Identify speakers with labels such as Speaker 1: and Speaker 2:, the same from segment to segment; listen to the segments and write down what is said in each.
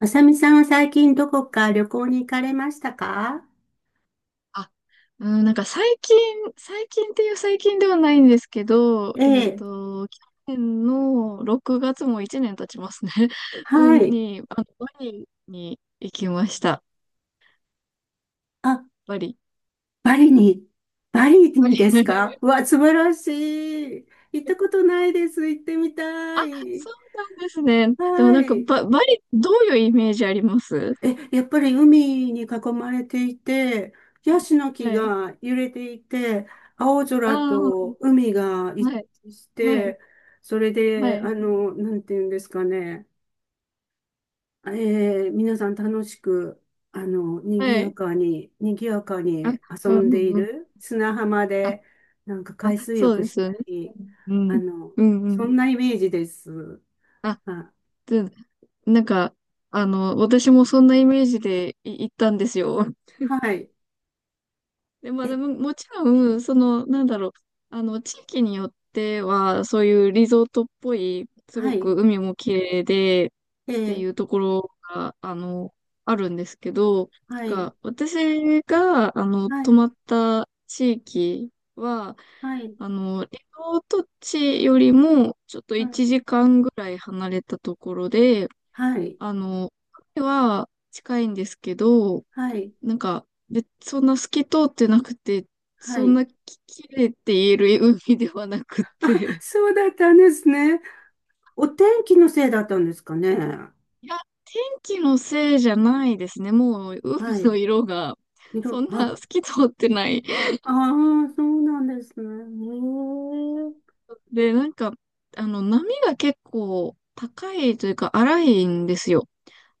Speaker 1: あさみさんは最近どこか旅行に行かれましたか？
Speaker 2: あ、うん、なんか最近、最近っていう最近ではないんですけど、
Speaker 1: ええ、
Speaker 2: 去年の6月も1年経ちますね。う
Speaker 1: は
Speaker 2: ん、
Speaker 1: い。
Speaker 2: バリに行きました。
Speaker 1: あ、
Speaker 2: バリ。
Speaker 1: バリに。バリ
Speaker 2: バ
Speaker 1: にですか。
Speaker 2: リ
Speaker 1: うわ、素晴らしい。行ったこ とないです。行ってみた
Speaker 2: あ、
Speaker 1: い。
Speaker 2: そうなんですね。でも
Speaker 1: は
Speaker 2: なんか
Speaker 1: い。
Speaker 2: バリ、どういうイメージあります？
Speaker 1: え、やっぱり海に囲まれていて、ヤ
Speaker 2: はい。
Speaker 1: シの木
Speaker 2: はい。
Speaker 1: が揺れていて、青空
Speaker 2: あ
Speaker 1: と海が
Speaker 2: あ、
Speaker 1: 一
Speaker 2: はい。
Speaker 1: 致し
Speaker 2: はい。
Speaker 1: て、それ
Speaker 2: は
Speaker 1: で、
Speaker 2: い。
Speaker 1: あの、なんていうんですかね。え皆さん楽しく、あの、賑
Speaker 2: は
Speaker 1: や
Speaker 2: い。
Speaker 1: かに、賑やか
Speaker 2: あ、
Speaker 1: に遊
Speaker 2: うん
Speaker 1: ん
Speaker 2: う
Speaker 1: でい
Speaker 2: んうん。
Speaker 1: る砂浜
Speaker 2: あ、
Speaker 1: で、なんか
Speaker 2: あ、
Speaker 1: 海水
Speaker 2: そう
Speaker 1: 浴
Speaker 2: で
Speaker 1: し
Speaker 2: す
Speaker 1: た
Speaker 2: よね。
Speaker 1: り、
Speaker 2: う
Speaker 1: あ
Speaker 2: ん。
Speaker 1: の、
Speaker 2: うんう
Speaker 1: そん
Speaker 2: ん。
Speaker 1: なイメージです。
Speaker 2: あ、
Speaker 1: あ、
Speaker 2: うんなんか、あの、私もそんなイメージで行ったんですよ。
Speaker 1: はい。
Speaker 2: で、まあで
Speaker 1: え、
Speaker 2: も、もちろん、その、あの、地域によっては、そういうリゾートっぽい、す
Speaker 1: は
Speaker 2: ごく
Speaker 1: い。
Speaker 2: 海も綺麗で、っ
Speaker 1: え
Speaker 2: てい
Speaker 1: ー、
Speaker 2: うところが、あの、あるんですけど、
Speaker 1: はい。
Speaker 2: 私が、あの、
Speaker 1: は
Speaker 2: 泊ま
Speaker 1: い。
Speaker 2: った地域は、
Speaker 1: はい。
Speaker 2: あの、リゾート地よりも、ちょっと
Speaker 1: はい。
Speaker 2: 1時間ぐらい離れたところで、
Speaker 1: はい。
Speaker 2: あの、海は近いんですけど、
Speaker 1: はい。
Speaker 2: なんか、そんな透き通ってなくて、
Speaker 1: は
Speaker 2: そん
Speaker 1: い。
Speaker 2: なき、綺麗って言える海ではなく
Speaker 1: あ、
Speaker 2: て。
Speaker 1: そうだったんですね。お天気のせいだったんですかね。
Speaker 2: いや、天気のせいじゃないですね。もう、海
Speaker 1: は
Speaker 2: の
Speaker 1: い。
Speaker 2: 色が、
Speaker 1: い
Speaker 2: そ
Speaker 1: ろ、
Speaker 2: ん
Speaker 1: あ、
Speaker 2: な透き通ってない。
Speaker 1: ああ、そうなんですね。へえ、
Speaker 2: で、なんか、あの、波が結構高いというか、荒いんですよ。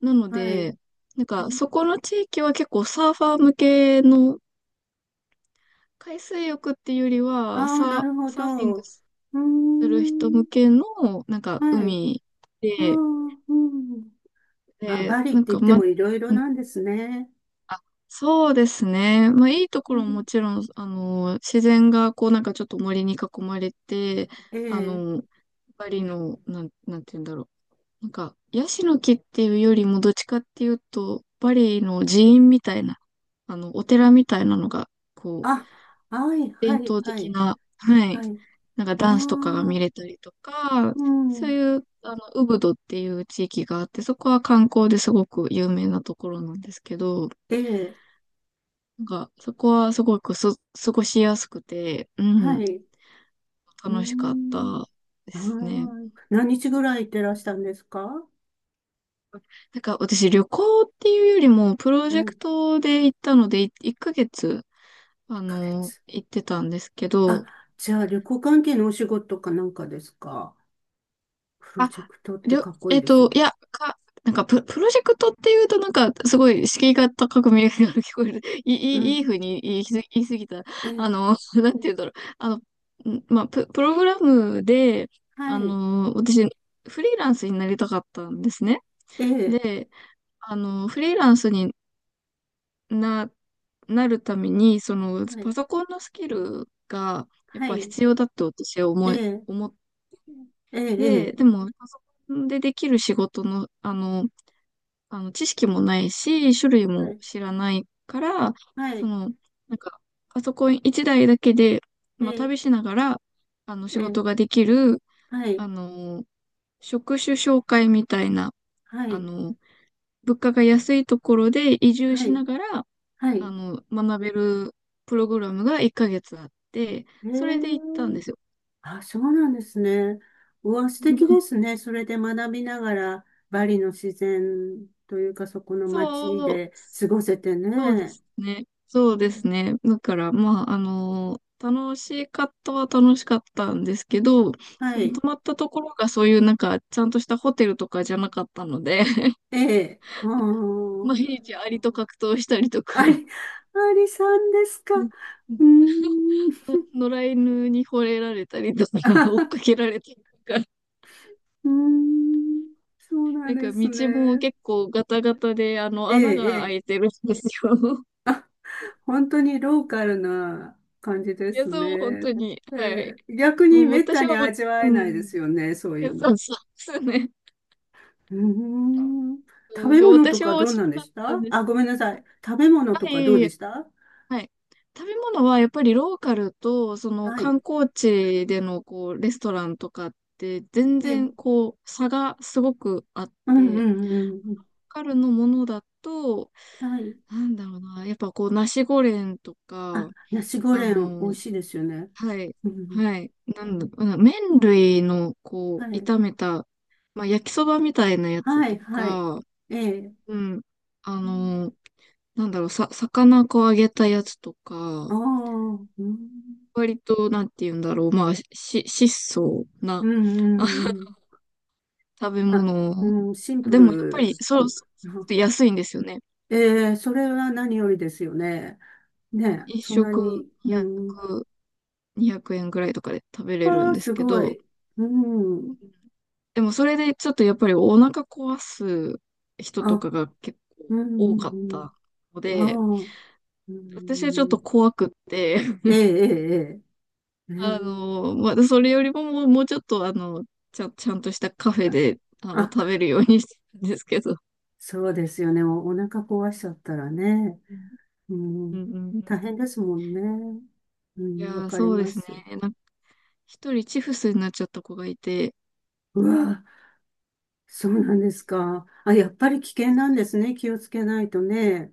Speaker 2: なの
Speaker 1: はい。
Speaker 2: で、なんか、そこの地域は結構サーファー向けの海水浴っていうよりは、
Speaker 1: ああー、なるほ
Speaker 2: サーフィン
Speaker 1: ど。
Speaker 2: グ
Speaker 1: うー
Speaker 2: する人
Speaker 1: ん。
Speaker 2: 向けの、なんか、
Speaker 1: はい。
Speaker 2: 海
Speaker 1: ああ、
Speaker 2: で、
Speaker 1: うん。あ、バリっ
Speaker 2: な
Speaker 1: て
Speaker 2: ん
Speaker 1: 言
Speaker 2: か、
Speaker 1: って
Speaker 2: ま、
Speaker 1: もいろいろ
Speaker 2: うん
Speaker 1: なんですね。
Speaker 2: あ、そうですね。まあ、いいとこ
Speaker 1: う
Speaker 2: ろも
Speaker 1: ん、
Speaker 2: もちろん、あの、自然が、こう、なんかちょっと森に囲まれて、
Speaker 1: え
Speaker 2: あ
Speaker 1: え。
Speaker 2: の、バリの、なんて言うんだろう。なんか、ヤシの木っていうよりも、どっちかっていうと、バリの寺院みたいな、あの、お寺みたいなのが、こう、
Speaker 1: あ、はい、は
Speaker 2: 伝
Speaker 1: い、
Speaker 2: 統
Speaker 1: は
Speaker 2: 的
Speaker 1: い。
Speaker 2: な、はい、
Speaker 1: はい。
Speaker 2: なんか
Speaker 1: ああ、
Speaker 2: ダンスとかが見れたりとか、
Speaker 1: う
Speaker 2: そう
Speaker 1: ん。
Speaker 2: いう、あの、ウブドっていう地域があって、そこは観光ですごく有名なところなんですけど、
Speaker 1: ええ。
Speaker 2: なんか、そこはすごく過ごしやすくて、う
Speaker 1: は
Speaker 2: ん、
Speaker 1: い。うー
Speaker 2: 楽しかっ
Speaker 1: ん。
Speaker 2: たで
Speaker 1: ああ、
Speaker 2: すね。
Speaker 1: 何日ぐらい行ってらしたんですか？は
Speaker 2: なんか、私、旅行っていうよりも、プロ
Speaker 1: い、
Speaker 2: ジェ
Speaker 1: 1
Speaker 2: クトで行ったので、1ヶ月、あ
Speaker 1: ヶ
Speaker 2: の、
Speaker 1: 月。
Speaker 2: 行ってたんですけど、
Speaker 1: あ、じゃあ旅行関係のお仕事かなんかですか？プロジェ
Speaker 2: あ、
Speaker 1: クトって
Speaker 2: りょ、
Speaker 1: かっこい
Speaker 2: え
Speaker 1: い
Speaker 2: っ
Speaker 1: ですね。
Speaker 2: と、いや、なんかプロジェクトっていうと、なんか、すごい敷居が高く見えるように聞こえる。
Speaker 1: う
Speaker 2: いい
Speaker 1: ん。
Speaker 2: 風に言い過ぎた。
Speaker 1: え、
Speaker 2: あの、なんて言うんだろう。あの、プログラムで、
Speaker 1: は
Speaker 2: あ
Speaker 1: い、
Speaker 2: の、私、フリーランスになりたかったんですね。
Speaker 1: ええ、
Speaker 2: で、あの、フリーランスにな、なるために、その、
Speaker 1: は
Speaker 2: パ
Speaker 1: い、
Speaker 2: ソコンのスキルが、やっ
Speaker 1: は
Speaker 2: ぱ
Speaker 1: い、
Speaker 2: 必要だって私は
Speaker 1: え
Speaker 2: 思い、
Speaker 1: え、
Speaker 2: 思っ
Speaker 1: え
Speaker 2: で、
Speaker 1: え、ええ、
Speaker 2: でも、パソコンでできる仕事の、あの、知識もないし、種類
Speaker 1: は
Speaker 2: も
Speaker 1: い、
Speaker 2: 知らないから、
Speaker 1: は
Speaker 2: そ
Speaker 1: い、
Speaker 2: の、なんか、パソコン一台だいだけで、
Speaker 1: え
Speaker 2: まあ、
Speaker 1: え、
Speaker 2: 旅しながら、あの、仕
Speaker 1: ええ、
Speaker 2: 事ができる、
Speaker 1: はい、
Speaker 2: あの、職種紹介みたいな、
Speaker 1: は
Speaker 2: あ
Speaker 1: い、
Speaker 2: の、物価が安いところで移住
Speaker 1: は
Speaker 2: し
Speaker 1: い、
Speaker 2: ながら、
Speaker 1: は
Speaker 2: あ
Speaker 1: い、
Speaker 2: の、学べるプログラムが1ヶ月あって、
Speaker 1: ええ、
Speaker 2: それで行ったんですよ。
Speaker 1: あ、そうなんですね。うわ、素敵です ね。それで学びながら、バリの自然というか、そこの街
Speaker 2: そう
Speaker 1: で過ごせて
Speaker 2: そうで
Speaker 1: ね。
Speaker 2: すね。そ
Speaker 1: う
Speaker 2: うで
Speaker 1: ん、
Speaker 2: すね。だから、まあ、あの、楽しかったは楽しかったんですけど、
Speaker 1: は
Speaker 2: その
Speaker 1: い、
Speaker 2: 泊まったところがそういうなんか、ちゃんとしたホテルとかじゃなかったので、
Speaker 1: ええ、うん、
Speaker 2: 毎日アリと格闘したりと
Speaker 1: あ
Speaker 2: か、
Speaker 1: り、ありさん ですか。う
Speaker 2: で
Speaker 1: ーん。
Speaker 2: 野良犬に惚れられたりとか、追っかけられたりとか、
Speaker 1: うーん、そうなん
Speaker 2: なん
Speaker 1: で
Speaker 2: か道
Speaker 1: す
Speaker 2: も
Speaker 1: ね。
Speaker 2: 結構ガタガタで、あの、
Speaker 1: ええ、
Speaker 2: 穴
Speaker 1: え
Speaker 2: が開い
Speaker 1: え。
Speaker 2: てるんですよ。
Speaker 1: 本当にローカルな感じで
Speaker 2: いや、
Speaker 1: すね。
Speaker 2: そう、本当に。はい。
Speaker 1: ええ、逆に
Speaker 2: もう
Speaker 1: めっ
Speaker 2: 私
Speaker 1: たに
Speaker 2: はもう、
Speaker 1: 味わえ
Speaker 2: う
Speaker 1: な
Speaker 2: ん。
Speaker 1: いですよね、そう
Speaker 2: い
Speaker 1: い
Speaker 2: や
Speaker 1: うの。
Speaker 2: そうそうですね。
Speaker 1: うーん。
Speaker 2: う
Speaker 1: 食
Speaker 2: ん、
Speaker 1: べ物と
Speaker 2: 私
Speaker 1: か
Speaker 2: は
Speaker 1: どう
Speaker 2: 落ち
Speaker 1: なん
Speaker 2: な
Speaker 1: で
Speaker 2: か
Speaker 1: し
Speaker 2: ったん
Speaker 1: た？
Speaker 2: です。
Speaker 1: あ、ごめんなさい。食べ物
Speaker 2: あ、
Speaker 1: と
Speaker 2: い
Speaker 1: かど
Speaker 2: え
Speaker 1: う
Speaker 2: い
Speaker 1: で
Speaker 2: え。
Speaker 1: した？
Speaker 2: はい。食べ物はやっぱりローカルと、その
Speaker 1: はい。
Speaker 2: 観光地でのこう、レストランとかって、全
Speaker 1: ええ。
Speaker 2: 然こう、差がすごくあっ
Speaker 1: うんう
Speaker 2: て、ロー
Speaker 1: んうん。
Speaker 2: カルのものだと、
Speaker 1: うん。はい。
Speaker 2: なんだろうな、やっぱこう、ナシゴレンと
Speaker 1: あ、
Speaker 2: か、
Speaker 1: ナシゴ
Speaker 2: あ
Speaker 1: レン美
Speaker 2: の、
Speaker 1: 味しいですよね。
Speaker 2: はい、
Speaker 1: うん。
Speaker 2: はい、なんだ、うん麺類のこ
Speaker 1: は
Speaker 2: う、
Speaker 1: い。
Speaker 2: 炒めた、まあ、焼きそばみたいなやつ
Speaker 1: は
Speaker 2: と
Speaker 1: いはい。
Speaker 2: か、
Speaker 1: ええ。
Speaker 2: うん、あ
Speaker 1: うん。
Speaker 2: の、なんだろう、魚こう揚げたやつと
Speaker 1: あ
Speaker 2: か、
Speaker 1: あ、うん
Speaker 2: 割と、なんて言うんだろう、まあ、質素
Speaker 1: う
Speaker 2: な
Speaker 1: ん
Speaker 2: あ
Speaker 1: うん。う ん。
Speaker 2: 食べ
Speaker 1: あ、
Speaker 2: 物。
Speaker 1: うん、シンプ
Speaker 2: でも、やっぱり、
Speaker 1: ルっ
Speaker 2: そ
Speaker 1: てい
Speaker 2: う、
Speaker 1: うか。
Speaker 2: そうそう安いんですよね。
Speaker 1: ええ、それは何よりですよね。
Speaker 2: う
Speaker 1: ね
Speaker 2: ん
Speaker 1: え、
Speaker 2: 一
Speaker 1: そんな
Speaker 2: 食
Speaker 1: に。うん。
Speaker 2: 200円ぐらいとかで食べれる
Speaker 1: あ
Speaker 2: ん
Speaker 1: あ、
Speaker 2: です
Speaker 1: す
Speaker 2: け
Speaker 1: ご
Speaker 2: ど、
Speaker 1: い。うん。
Speaker 2: うんでもそれでちょっとやっぱりお腹壊す人と
Speaker 1: あ、
Speaker 2: かが結
Speaker 1: うん
Speaker 2: 構多
Speaker 1: う
Speaker 2: かっ
Speaker 1: ん
Speaker 2: たの
Speaker 1: う
Speaker 2: で、
Speaker 1: ん。ああ、う
Speaker 2: 私はちょっと
Speaker 1: ん。
Speaker 2: 怖くって、
Speaker 1: ええええええ。え
Speaker 2: あ
Speaker 1: え、
Speaker 2: の、まあ、それよりももう、もうちょっと、あの、ちゃんとしたカフェ
Speaker 1: あ、
Speaker 2: で、あの、
Speaker 1: あ、
Speaker 2: 食べるようにしてるんですけど。
Speaker 1: そうですよね。お、お腹壊しちゃったらね。
Speaker 2: うん
Speaker 1: う
Speaker 2: う
Speaker 1: ん。
Speaker 2: んうんうん
Speaker 1: 大変ですもんね。う
Speaker 2: い
Speaker 1: ん、わ
Speaker 2: やー、
Speaker 1: かり
Speaker 2: そうで
Speaker 1: ま
Speaker 2: すね。
Speaker 1: す。
Speaker 2: なんか、一人チフスになっちゃった子がいて、
Speaker 1: うわ、そうなんですか。あ、やっぱり危険なんですね。気をつけないとね。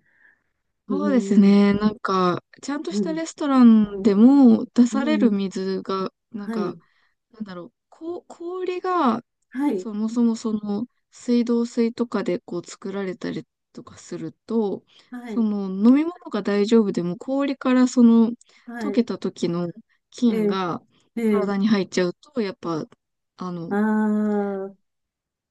Speaker 1: う
Speaker 2: そうです
Speaker 1: ん、
Speaker 2: ね。なんか、ちゃんと
Speaker 1: う
Speaker 2: した
Speaker 1: ん、
Speaker 2: レストランでも出
Speaker 1: う
Speaker 2: される
Speaker 1: ん。
Speaker 2: 水が、なん
Speaker 1: は
Speaker 2: か、
Speaker 1: い、
Speaker 2: なんだろう、氷が、
Speaker 1: はい、
Speaker 2: そもそもその、水道水とかでこう作られたりとかすると、
Speaker 1: は
Speaker 2: そ
Speaker 1: い、
Speaker 2: の飲み物が大丈夫でも氷からその
Speaker 1: は
Speaker 2: 溶け
Speaker 1: い。
Speaker 2: た時の
Speaker 1: え
Speaker 2: 菌
Speaker 1: え、
Speaker 2: が
Speaker 1: ええ。
Speaker 2: 体に入っちゃうと、やっぱ、あ
Speaker 1: あ
Speaker 2: の、
Speaker 1: あ、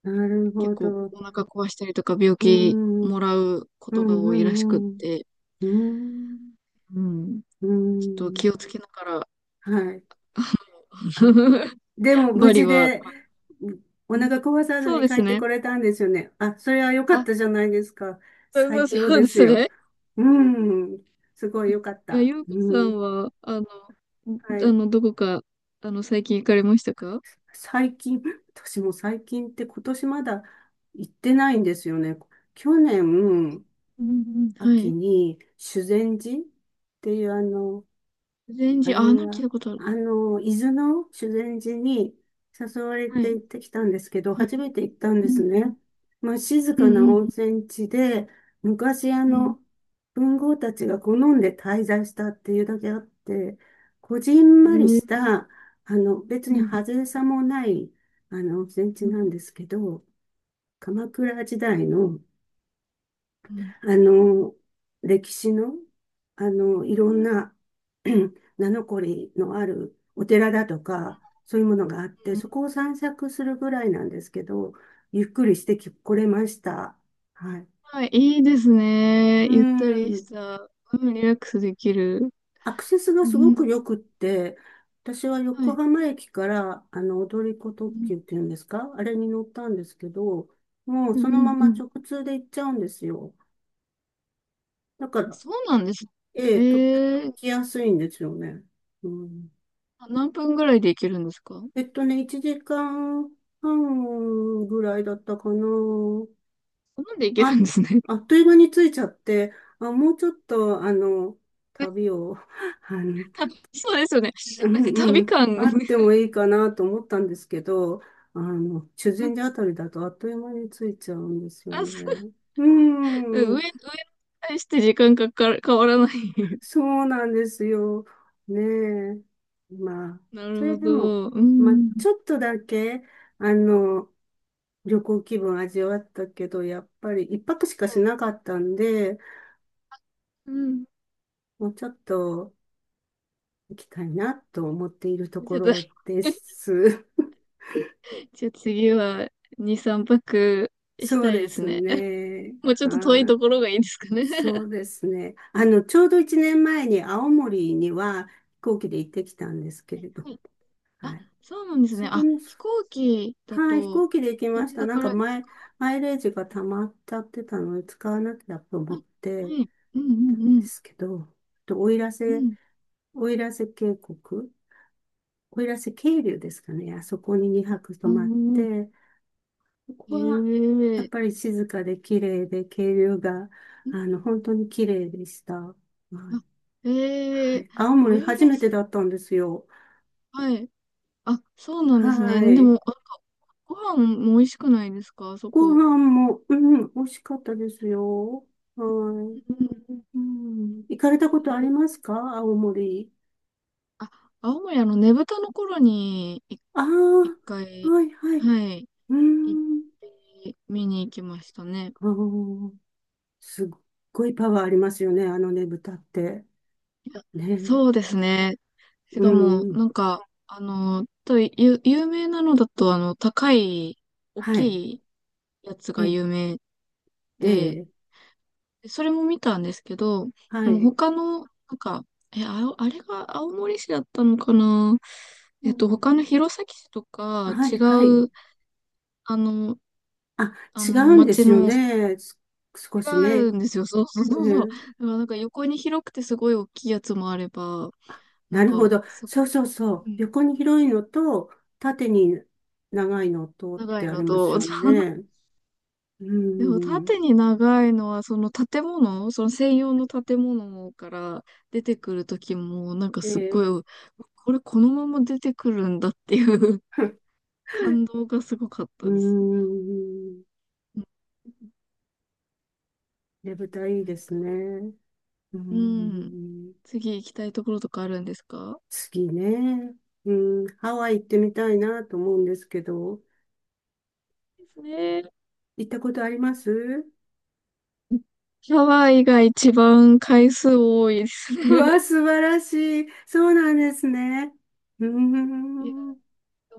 Speaker 1: なるほ
Speaker 2: 結構
Speaker 1: ど。
Speaker 2: お腹壊したりとか病
Speaker 1: う
Speaker 2: 気
Speaker 1: ん、うん、
Speaker 2: もらうこ
Speaker 1: う
Speaker 2: とが多いらしくっ
Speaker 1: ん、うん。
Speaker 2: て、
Speaker 1: うん、
Speaker 2: うん、
Speaker 1: う
Speaker 2: ちょっと
Speaker 1: ん。
Speaker 2: 気をつけながら、
Speaker 1: はい。あ、でも無
Speaker 2: バリ
Speaker 1: 事
Speaker 2: は、
Speaker 1: で、お腹壊さず
Speaker 2: そう
Speaker 1: に
Speaker 2: で
Speaker 1: 帰
Speaker 2: す
Speaker 1: って
Speaker 2: ね。
Speaker 1: これたんですよね。あ、それは良かっ
Speaker 2: あ、
Speaker 1: たじゃないですか。
Speaker 2: そ
Speaker 1: 最
Speaker 2: うそう
Speaker 1: 強
Speaker 2: そう
Speaker 1: で
Speaker 2: で
Speaker 1: す
Speaker 2: す
Speaker 1: よ。
Speaker 2: ね。
Speaker 1: うん。すごい良かっ
Speaker 2: いや、
Speaker 1: た。
Speaker 2: ゆうこ
Speaker 1: う
Speaker 2: さん
Speaker 1: ん。
Speaker 2: は、あの、
Speaker 1: はい。
Speaker 2: どこか、あの、最近行かれましたか？
Speaker 1: 最近、私も最近って今年まだ行ってないんですよね。去年、
Speaker 2: うんうん、は
Speaker 1: 秋
Speaker 2: い。
Speaker 1: に修善寺っていうあの、
Speaker 2: 全
Speaker 1: あ
Speaker 2: 然、あ、
Speaker 1: れ
Speaker 2: なんか聞い
Speaker 1: は、
Speaker 2: たことある。
Speaker 1: あの、伊豆の修善寺に誘われ
Speaker 2: は
Speaker 1: て
Speaker 2: い、
Speaker 1: 行ってきたんですけど、
Speaker 2: は
Speaker 1: 初
Speaker 2: い。
Speaker 1: めて行ったんで
Speaker 2: う
Speaker 1: す
Speaker 2: んう
Speaker 1: ね。
Speaker 2: ん、
Speaker 1: まあ、静
Speaker 2: うん
Speaker 1: かな
Speaker 2: う
Speaker 1: 温
Speaker 2: ん、
Speaker 1: 泉地で、昔あ
Speaker 2: うん。
Speaker 1: の、文豪たちが好んで滞在したっていうだけあって、こじん
Speaker 2: え
Speaker 1: まり
Speaker 2: ー
Speaker 1: した、あの、別
Speaker 2: う
Speaker 1: に
Speaker 2: ん
Speaker 1: 派手さもない、あの、温泉地
Speaker 2: うん、
Speaker 1: なんですけど、鎌倉時代の
Speaker 2: うん、
Speaker 1: あの、歴史の、あの、いろんな 名残のあるお寺だとか、そういうものがあっ
Speaker 2: う
Speaker 1: て、
Speaker 2: ん。
Speaker 1: そこを散策するぐらいなんですけど、ゆっくりしてき、来れました。はい。
Speaker 2: はい、いいですね。
Speaker 1: う
Speaker 2: ゆったりし
Speaker 1: ん。
Speaker 2: た、うん、リラックスできる。
Speaker 1: アクセスが
Speaker 2: う
Speaker 1: すごく
Speaker 2: ん、
Speaker 1: 良くって、私は
Speaker 2: は
Speaker 1: 横
Speaker 2: い。
Speaker 1: 浜駅から、あの、踊り子
Speaker 2: う
Speaker 1: 特
Speaker 2: ん、
Speaker 1: 急っていうんですか、あれに乗ったんですけど、もう
Speaker 2: うん、
Speaker 1: そ
Speaker 2: う
Speaker 1: のま
Speaker 2: ん。う
Speaker 1: ま
Speaker 2: ん
Speaker 1: 直通で行っちゃうんですよ。だから、
Speaker 2: そうなんです。
Speaker 1: え
Speaker 2: え
Speaker 1: え、とっても行
Speaker 2: ー、
Speaker 1: きやすいんですよね。うん、
Speaker 2: あ何分ぐらいで行けるんですか？
Speaker 1: えっとね、1時間半ぐらいだったかな。
Speaker 2: なんで行ける
Speaker 1: あ、
Speaker 2: んですね。
Speaker 1: あっという間に着いちゃって、あ、もうちょっと、あの、旅を、あの、
Speaker 2: たそうですよね。
Speaker 1: う
Speaker 2: なんか
Speaker 1: んう
Speaker 2: 旅
Speaker 1: ん、
Speaker 2: 感、
Speaker 1: あってもいいかなと思ったんですけど、あの、修善寺あ たりだとあっという間に着いちゃうんですよ
Speaker 2: あ、そ
Speaker 1: ね。う
Speaker 2: う
Speaker 1: ん。
Speaker 2: 上に対して時間かかる、変わらない。
Speaker 1: そうなんですよ。ねえ。まあ、
Speaker 2: な
Speaker 1: それ
Speaker 2: るほ
Speaker 1: でも、
Speaker 2: ど。う
Speaker 1: まあ、
Speaker 2: ん。
Speaker 1: ちょっとだけ、あの、旅行気分味わったけど、やっぱり一泊しか
Speaker 2: はい。
Speaker 1: しなかったんで、
Speaker 2: うん。
Speaker 1: もうちょっと行きたいなと思っていると
Speaker 2: ち
Speaker 1: こ
Speaker 2: ょっと、
Speaker 1: ろです。
Speaker 2: じゃあ次は2、3泊し
Speaker 1: そう
Speaker 2: たい
Speaker 1: で
Speaker 2: です
Speaker 1: す
Speaker 2: ね。
Speaker 1: ね。
Speaker 2: もうちょっと遠い
Speaker 1: はい。
Speaker 2: ところがいいですかね。
Speaker 1: そ うですね。あの、ちょうど1年前に青森には飛行機で行ってきたんですけれど、
Speaker 2: はい
Speaker 1: は
Speaker 2: あ、
Speaker 1: い。
Speaker 2: そうなんですね。
Speaker 1: そこ
Speaker 2: あ、
Speaker 1: の、
Speaker 2: 飛行機だ
Speaker 1: はい、飛
Speaker 2: と、
Speaker 1: 行機で行き
Speaker 2: 羽
Speaker 1: ました。
Speaker 2: 田
Speaker 1: なん
Speaker 2: か
Speaker 1: か
Speaker 2: らです
Speaker 1: 前、
Speaker 2: か？は
Speaker 1: マイレージが溜まっちゃってたので、使わなきゃと
Speaker 2: い。
Speaker 1: 思って
Speaker 2: はい。うんう
Speaker 1: たん
Speaker 2: んう
Speaker 1: で
Speaker 2: ん。
Speaker 1: すけど、と奥入
Speaker 2: う
Speaker 1: 瀬、
Speaker 2: ん。
Speaker 1: 奥入瀬渓谷、奥入瀬渓流ですかね。あそこに2泊泊
Speaker 2: う
Speaker 1: ま
Speaker 2: ん
Speaker 1: っ
Speaker 2: うんうん
Speaker 1: て、こ
Speaker 2: え
Speaker 1: こは
Speaker 2: え
Speaker 1: やっ
Speaker 2: ー。
Speaker 1: ぱり静かで綺麗で、渓流が、あの、本当に綺麗でした。はい。
Speaker 2: あえ
Speaker 1: は
Speaker 2: えー、
Speaker 1: い、青森
Speaker 2: 奥入
Speaker 1: 初めて
Speaker 2: 瀬
Speaker 1: だったんですよ。
Speaker 2: はい。あ、そうなんですね。
Speaker 1: は
Speaker 2: でも、
Speaker 1: い。
Speaker 2: なんかご飯も美味しくないですか、あそ
Speaker 1: ご
Speaker 2: こ？
Speaker 1: 飯も、うん、美味しかったですよ。はい。
Speaker 2: うんうん
Speaker 1: うん。行かれ
Speaker 2: え
Speaker 1: たことあり
Speaker 2: ー
Speaker 1: ますか、青森。
Speaker 2: あ、青森、あの、ねぶたの頃に、
Speaker 1: ああ、
Speaker 2: 一回、
Speaker 1: はいはい。
Speaker 2: はい、
Speaker 1: う
Speaker 2: 行っ
Speaker 1: ん。
Speaker 2: て、見に行きましたね。
Speaker 1: あー、すっごいパワーありますよね。あのね、豚って。
Speaker 2: いや、
Speaker 1: ね。
Speaker 2: そうですね。し
Speaker 1: う
Speaker 2: かも、
Speaker 1: ん。
Speaker 2: なんか、あの、有名なのだと、あの、高い、大
Speaker 1: はい。
Speaker 2: きいやつが
Speaker 1: え、
Speaker 2: 有名
Speaker 1: え
Speaker 2: で、
Speaker 1: え、
Speaker 2: それも見たんですけど、
Speaker 1: は
Speaker 2: でも
Speaker 1: い。
Speaker 2: 他の、なんか、え、あお、あれが青森市だったのかな。
Speaker 1: うん。
Speaker 2: 他の弘前市とか
Speaker 1: は
Speaker 2: 違
Speaker 1: いはい。
Speaker 2: う、あの、
Speaker 1: あ、
Speaker 2: あ
Speaker 1: 違
Speaker 2: の、
Speaker 1: うんで
Speaker 2: 町
Speaker 1: すよ
Speaker 2: の、
Speaker 1: ね。す、少
Speaker 2: 違
Speaker 1: しね。
Speaker 2: うん
Speaker 1: ね
Speaker 2: ですよ。そう そうそうそう。だか
Speaker 1: え、
Speaker 2: らなんか横に広くてすごい大きいやつもあれば、
Speaker 1: あ、
Speaker 2: な
Speaker 1: な
Speaker 2: ん
Speaker 1: るほ
Speaker 2: か、
Speaker 1: ど。そうそうそ
Speaker 2: う
Speaker 1: う。
Speaker 2: ん
Speaker 1: 横に広いのと、縦に長いのとっ
Speaker 2: 長
Speaker 1: て
Speaker 2: い
Speaker 1: あり
Speaker 2: の
Speaker 1: ます
Speaker 2: と、
Speaker 1: よ
Speaker 2: そう
Speaker 1: ね。う
Speaker 2: でも
Speaker 1: ん。
Speaker 2: 縦に長いのは、その建物、その専用の建物から出てくるときも、なんか
Speaker 1: え
Speaker 2: すっご
Speaker 1: え、
Speaker 2: い、これこのまま出てくるんだっていう 感動がすごかっ
Speaker 1: うー
Speaker 2: たですね。
Speaker 1: ん。
Speaker 2: う
Speaker 1: ね
Speaker 2: ん
Speaker 1: ぶたいい
Speaker 2: な
Speaker 1: で
Speaker 2: ん
Speaker 1: す
Speaker 2: か、
Speaker 1: ね。うー
Speaker 2: うん。
Speaker 1: ん。
Speaker 2: 次行きたいところとかあるんですか？
Speaker 1: 次ね。うん。ハワイ行ってみたいなと思うんですけど。
Speaker 2: ですね。
Speaker 1: 行ったことあります？
Speaker 2: ハワイが一番回数多いです
Speaker 1: うわ、
Speaker 2: ね。
Speaker 1: 素晴らしい。そうなんですね。うー
Speaker 2: いや、
Speaker 1: ん。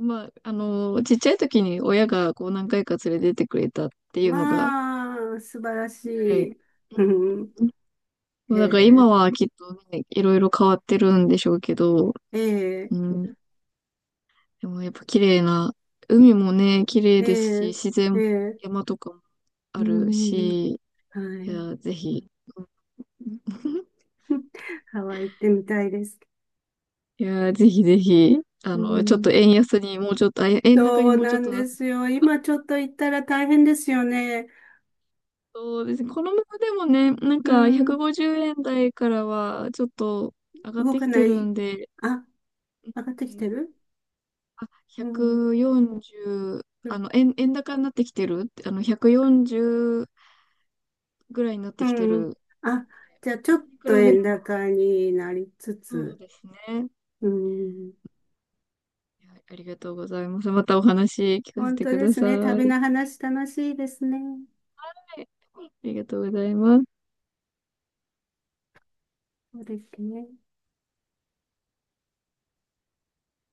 Speaker 2: まあ、あの、ちっちゃい時に親がこう何回か連れてってくれたっていうのが、
Speaker 1: まあ、素晴らし
Speaker 2: はい。
Speaker 1: い。うん。
Speaker 2: そ
Speaker 1: へ
Speaker 2: うだから今
Speaker 1: え。
Speaker 2: はきっとね、いろいろ変わってるんでしょうけど、
Speaker 1: ええ。
Speaker 2: うん。でもやっぱ綺麗な、海もね、綺麗
Speaker 1: え
Speaker 2: ですし、
Speaker 1: え。
Speaker 2: 自然
Speaker 1: え
Speaker 2: も
Speaker 1: え。
Speaker 2: 山とかも
Speaker 1: うー
Speaker 2: ある
Speaker 1: ん。
Speaker 2: し、
Speaker 1: は
Speaker 2: い
Speaker 1: い。
Speaker 2: や、ぜひ。うん
Speaker 1: ハワイ行ってみたいです。
Speaker 2: いや、ぜひぜひ、あ
Speaker 1: う
Speaker 2: の、ちょっと
Speaker 1: ん。
Speaker 2: 円安にもうちょっと、あ、円高に
Speaker 1: そう
Speaker 2: もうちょ
Speaker 1: な
Speaker 2: っ
Speaker 1: ん
Speaker 2: とな
Speaker 1: で
Speaker 2: って
Speaker 1: すよ。今ちょっと行ったら大変ですよね。
Speaker 2: そうですね。このままでもね、なん
Speaker 1: う
Speaker 2: か
Speaker 1: ん、
Speaker 2: 150円台からはちょっと上がっ
Speaker 1: 動
Speaker 2: て
Speaker 1: か
Speaker 2: きて
Speaker 1: な
Speaker 2: る
Speaker 1: い。
Speaker 2: んで、
Speaker 1: あ、上がって
Speaker 2: う
Speaker 1: き
Speaker 2: ん
Speaker 1: てる。うん、
Speaker 2: 140、
Speaker 1: う
Speaker 2: あ
Speaker 1: ん。
Speaker 2: の、円高になってきてるあの、140ぐらいになってきて
Speaker 1: うん、
Speaker 2: る。
Speaker 1: あ、じゃあちょっ
Speaker 2: に
Speaker 1: と
Speaker 2: 比べれ
Speaker 1: 円
Speaker 2: ば、
Speaker 1: 高になりつ
Speaker 2: そう
Speaker 1: つ。
Speaker 2: ですね。
Speaker 1: うん、
Speaker 2: いやありがとうございます。またお話聞かせ
Speaker 1: 本
Speaker 2: て
Speaker 1: 当
Speaker 2: く
Speaker 1: で
Speaker 2: だ
Speaker 1: す
Speaker 2: さい。
Speaker 1: ね。
Speaker 2: は
Speaker 1: 旅の話楽しいですね。
Speaker 2: いありがとうございます。
Speaker 1: そうですね。